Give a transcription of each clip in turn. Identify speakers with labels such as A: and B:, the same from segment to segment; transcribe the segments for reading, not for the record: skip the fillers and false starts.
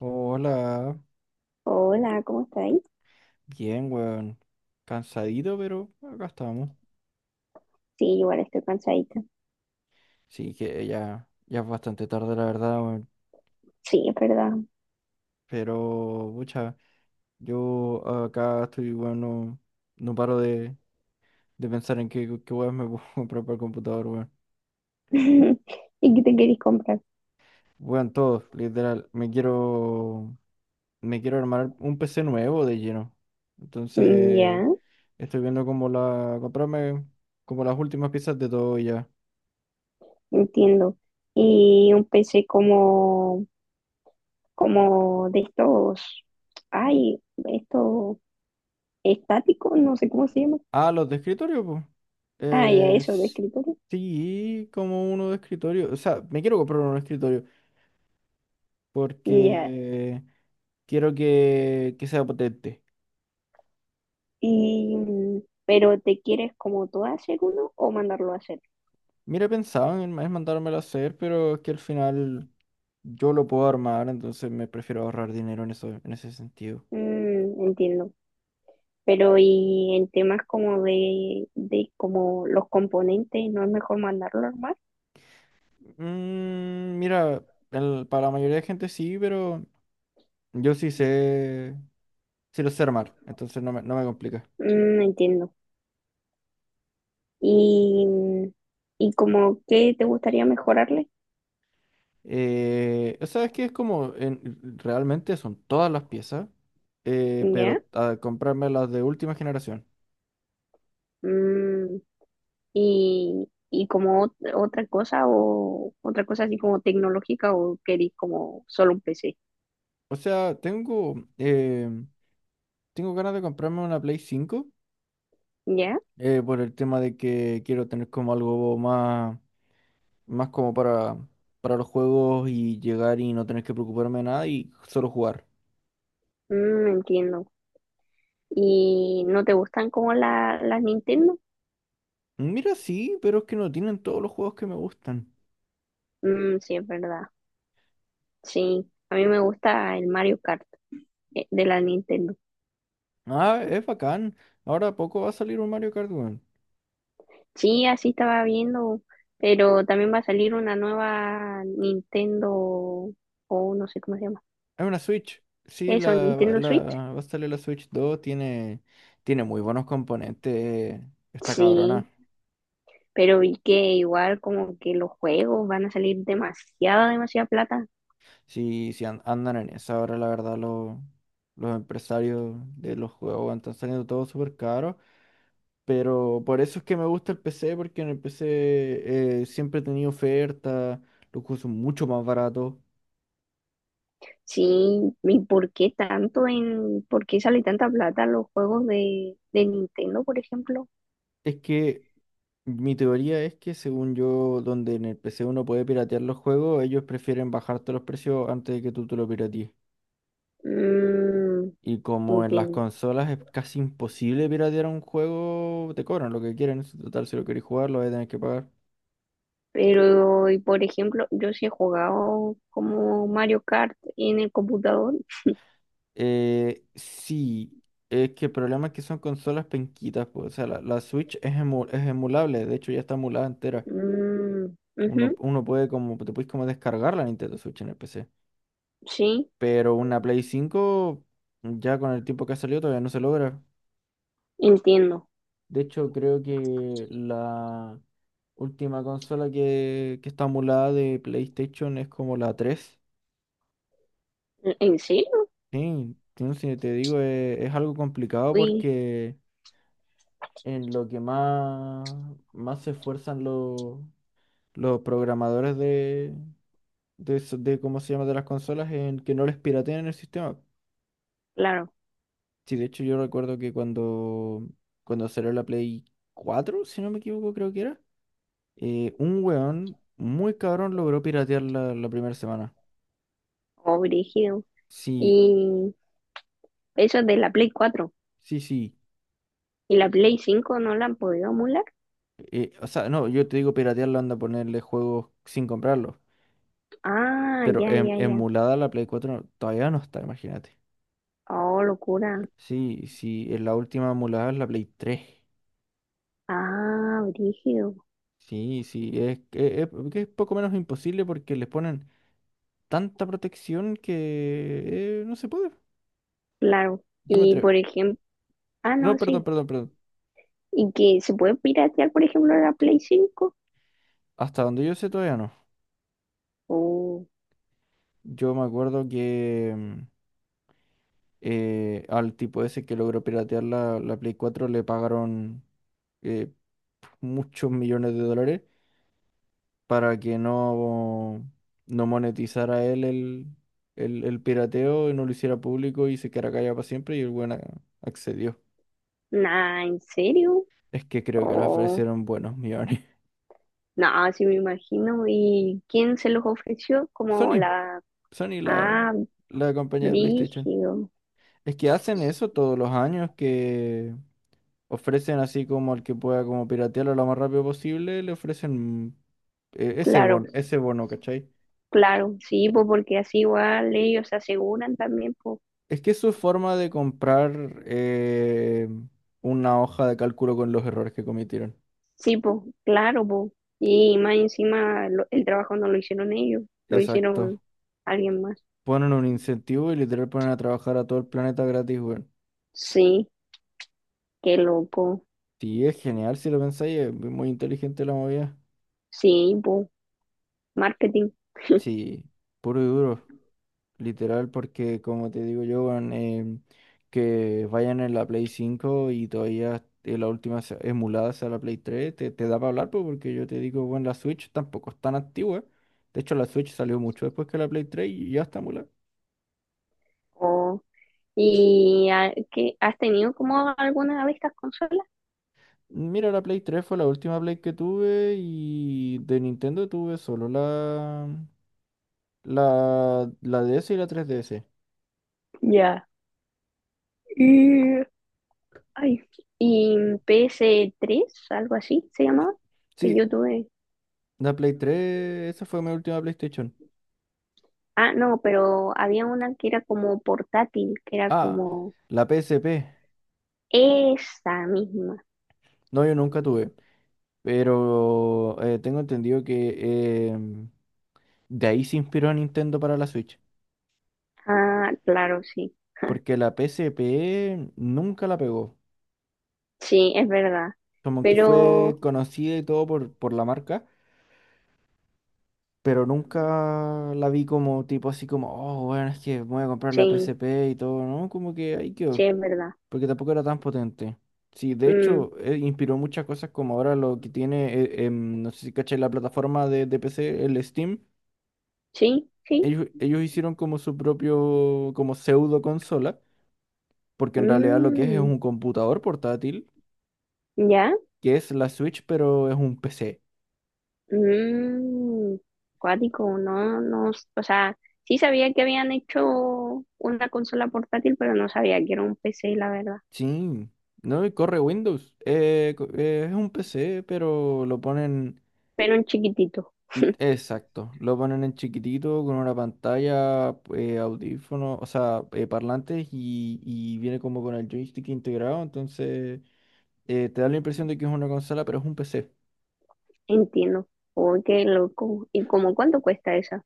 A: Hola,
B: Hola, ¿cómo estáis?
A: bien, weón. Cansadito, pero acá estamos.
B: Sí, igual estoy cansadita.
A: Sí, que ya es bastante tarde, la verdad, weón.
B: Sí, es verdad.
A: Pero, pucha, yo acá estoy, weón, no paro de pensar en qué weón me puedo comprar para el computador, weón.
B: ¿Y qué te queréis comprar?
A: Weón, todo, literal. Me quiero armar un PC nuevo de lleno. Entonces,
B: Ya,
A: estoy viendo cómo comprarme como las últimas piezas de todo y ya.
B: entiendo. Y un PC como, como de estos, ay, esto estático, no sé cómo se llama.
A: Ah, los de escritorio, pues.
B: Ah, ya,
A: Eh,
B: eso, de
A: s-
B: escritorio.
A: sí, como uno de escritorio. O sea, me quiero comprar uno de escritorio
B: Ya.
A: porque quiero que sea potente.
B: Y, pero ¿te quieres como tú hacer uno o mandarlo a hacer?
A: Mira, pensaba en mandármelo a hacer, pero es que al final yo lo puedo armar, entonces me prefiero ahorrar dinero en eso, en ese sentido.
B: Entiendo. Pero y en temas como de como los componentes, ¿no es mejor mandarlo a armar?
A: Mira, para la mayoría de gente sí, pero yo sí sé, sí lo sé armar, entonces no me complica.
B: Entiendo. Y, y como qué te gustaría mejorarle,
A: O sea, es que es como, realmente son todas las piezas,
B: ¿ya?
A: pero a comprarme las de última generación.
B: Mm, y como otra cosa o otra cosa así como tecnológica o querís como solo un PC,
A: O sea, tengo ganas de comprarme una Play 5
B: ¿ya?
A: por el tema de que quiero tener como algo más como para los juegos y llegar y no tener que preocuparme de nada y solo jugar.
B: Entiendo. ¿Y no te gustan como la, las Nintendo?
A: Mira, sí, pero es que no tienen todos los juegos que me gustan.
B: Mm, sí, es verdad. Sí, a mí me gusta el Mario Kart de la Nintendo.
A: Ah, es bacán. Ahora a poco va a salir un Mario Kart, weón.
B: Sí, así estaba viendo, pero también va a salir una nueva Nintendo, o no sé cómo se llama.
A: Es una Switch. Sí,
B: Eso, Nintendo Switch.
A: va a salir la Switch 2. Tiene muy buenos componentes. Esta
B: Sí,
A: cabrona.
B: pero vi que igual como que los juegos van a salir demasiada, demasiada plata.
A: Sí, sí andan en esa ahora, la verdad, los empresarios de los juegos weón, están saliendo todo súper caro. Pero por eso es que me gusta el PC, porque en el PC siempre he tenido ofertas, los juegos son mucho más baratos.
B: Sí, ¿y por qué tanto en, por qué sale tanta plata en los juegos de Nintendo, por ejemplo?
A: Es que mi teoría es que según yo, donde en el PC uno puede piratear los juegos, ellos prefieren bajarte los precios antes de que tú te lo piratees.
B: Mm,
A: Y como en las
B: entiendo.
A: consolas es casi imposible piratear un juego, te cobran lo que quieren. En total, si lo queréis jugar, lo vais a tener que pagar.
B: Pero, y por ejemplo, yo sí he jugado como Mario Kart en el computador.
A: Sí, es que el problema es que son consolas penquitas, pues, o sea, la Switch es emulable, de hecho ya está emulada entera.
B: Mm, ujú,
A: Uno puede como, te puedes como descargar la Nintendo Switch en el PC.
B: sí,
A: Pero una Play 5, ya con el tiempo que ha salido, todavía no se logra.
B: entiendo.
A: De hecho, creo que la última consola que está emulada de PlayStation es como la tres.
B: En serio?
A: Sí, sí, si te digo, es algo complicado
B: Uy,
A: porque en lo que más se esfuerzan los programadores de cómo se llama de las consolas en que no les pirateen el sistema.
B: claro,
A: Sí, de hecho yo recuerdo que cuando salió la Play 4 si no me equivoco, creo que era. Un weón muy cabrón logró piratear la primera semana.
B: oh, brígido.
A: Sí,
B: Y eso es de la Play cuatro.
A: sí, sí.
B: ¿Y la Play cinco no la han podido emular?
A: O sea, no, yo te digo piratearla, anda a ponerle juegos sin comprarlos.
B: Ah,
A: Pero
B: ya, ya, ya.
A: emulada la Play 4 todavía no está, imagínate.
B: Oh, locura.
A: Sí, sí, en la última emulada es la Play 3.
B: Ah, brígido.
A: Sí, sí, que es poco menos imposible porque les ponen tanta protección que no se puede.
B: Claro.
A: Yo me
B: Y
A: atrevo.
B: por ejemplo, ah, no,
A: No, perdón,
B: sí.
A: perdón, perdón.
B: ¿Y que se puede piratear, por ejemplo, la Play cinco?
A: Hasta donde yo sé todavía no.
B: Oh,
A: Yo me acuerdo que al tipo ese que logró piratear la Play 4 le pagaron eh, muchos millones de dólares para que no monetizara el pirateo y no lo hiciera público y se quedara callado para siempre y el buen accedió.
B: nah, ¿en serio?
A: Es que creo que le
B: Oh,
A: ofrecieron buenos millones.
B: nah, sí me imagino. ¿Y quién se los ofreció? Como
A: Sony,
B: la...
A: Sony, la,
B: Ah,
A: la compañía de PlayStation.
B: brígido.
A: Es que hacen eso todos los años que ofrecen así como al que pueda como piratearlo lo más rápido posible, le ofrecen
B: Claro,
A: ese bono, ¿cachai?
B: claro, sí, pues porque así igual ellos se aseguran también, pues.
A: Es que es su forma de comprar una hoja de cálculo con los errores que cometieron.
B: Sí, pues, claro, pues. Y más encima el trabajo no lo hicieron ellos, lo
A: Exacto.
B: hicieron alguien más.
A: Ponen un incentivo y literal ponen a trabajar a todo el planeta gratis, weón.
B: Sí, qué loco.
A: Sí, es genial si lo pensáis, es muy inteligente la movida.
B: Sí, pues, marketing.
A: Sí, puro y duro. Literal, porque como te digo yo, weón, que vayan en la Play 5 y todavía la última emulada sea la Play 3, te da para hablar, pues, porque yo te digo, bueno, la Switch tampoco es tan antigua. De hecho, la Switch salió mucho después que la Play 3 y ya está emulada.
B: Oh, ¿Y qué, has tenido como alguna de estas consolas?
A: Mira, la Play 3 fue la última Play que tuve y de Nintendo tuve solo la DS y la 3DS.
B: Ya. Y, ay, y ps tres algo así se llamaba, que
A: Sí,
B: yo tuve.
A: la Play 3 esa fue mi última PlayStation.
B: Ah, no, pero había una que era como portátil, que era
A: Ah,
B: como
A: la PSP.
B: esa misma.
A: No, yo nunca tuve. Pero tengo entendido que de ahí se inspiró Nintendo para la Switch.
B: Ah, claro, sí.
A: Porque la PSP nunca la pegó.
B: Sí, es verdad.
A: Como que fue
B: Pero
A: conocida y todo por la marca. Pero nunca la vi como tipo así como, oh, bueno, es que voy a comprar la
B: sí,
A: PSP y todo, ¿no? Como que ahí
B: sí,
A: quedó.
B: es verdad.
A: Porque tampoco era tan potente. Sí, de
B: Mm,
A: hecho, inspiró muchas cosas como ahora lo que tiene, no sé si caché la plataforma de PC, el Steam.
B: sí, sí.
A: Ellos hicieron como su propio, como pseudo consola, porque en realidad lo que es
B: Mm,
A: un computador portátil,
B: ¿ya?
A: que es la Switch, pero es un PC.
B: Mm, cuático, no, no, o sea, sí sabía que habían hecho una consola portátil, pero no sabía que era un PC, la verdad.
A: Sí, no, y corre Windows. Es un PC, pero lo ponen,
B: Pero un chiquitito,
A: exacto, lo ponen en chiquitito con una pantalla, audífonos, o sea, parlantes y viene como con el joystick integrado, entonces te da la impresión de que es una consola, pero es un PC.
B: entiendo. Uy, qué loco. ¿Y cómo cuánto cuesta esa?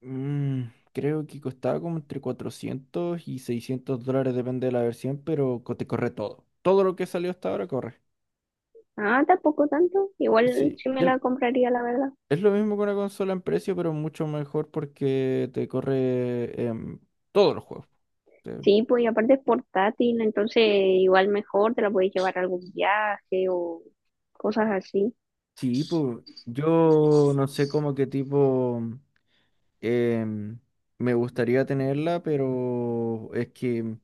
A: Mm, creo que costaba como entre 400 y $600, depende de la versión, pero te corre todo. Todo lo que salió hasta ahora corre.
B: Ah, tampoco tanto. Igual
A: Sí,
B: sí me la compraría, la verdad.
A: es lo mismo que una consola en precio, pero mucho mejor porque te corre todos los juegos. Te-
B: Sí, pues y aparte es portátil, entonces igual mejor te la puedes llevar a algún viaje o cosas así.
A: Sí, pues yo no sé cómo qué tipo em, me gustaría tenerla, pero es que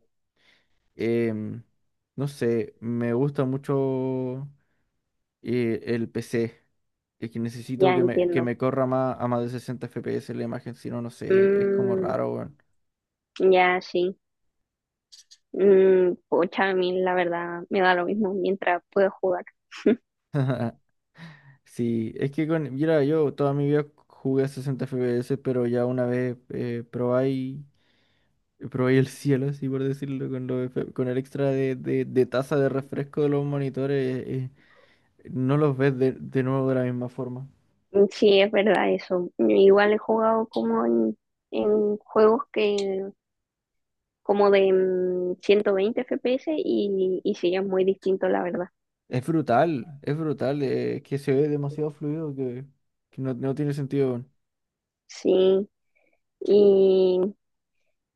A: em, no sé, me gusta mucho el PC. Es que
B: Ya
A: necesito que me, que
B: entiendo.
A: me corra más a más de 60 FPS la imagen, si no, no sé, es como
B: Mm,
A: raro, weón.
B: ya sí. Pocha, a mí la verdad me da lo mismo mientras puedo jugar.
A: Sí, es que con, mira, yo toda mi vida jugué a 60 FPS, pero ya una vez probé el cielo, así por decirlo, con el extra de tasa de refresco de los monitores, no los ves de nuevo de la misma forma.
B: Sí, es verdad eso. Igual he jugado como en juegos que como de 120 FPS y sí, es muy distinto, la verdad.
A: Es brutal, que se ve demasiado fluido que no tiene sentido, weón.
B: Sí. Y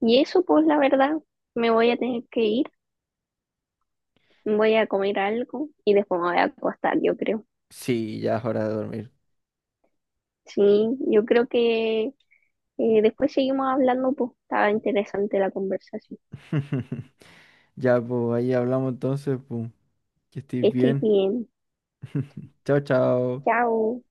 B: y eso, pues la verdad, me voy a tener que ir, voy a comer algo y después me voy a acostar, yo creo.
A: Sí, ya es hora de dormir.
B: Sí, yo creo que después seguimos hablando, pues estaba interesante la conversación.
A: Ya, pues ahí hablamos entonces, pues. Que
B: Que
A: estés
B: estés
A: bien.
B: bien.
A: Chao, chao.
B: Chao.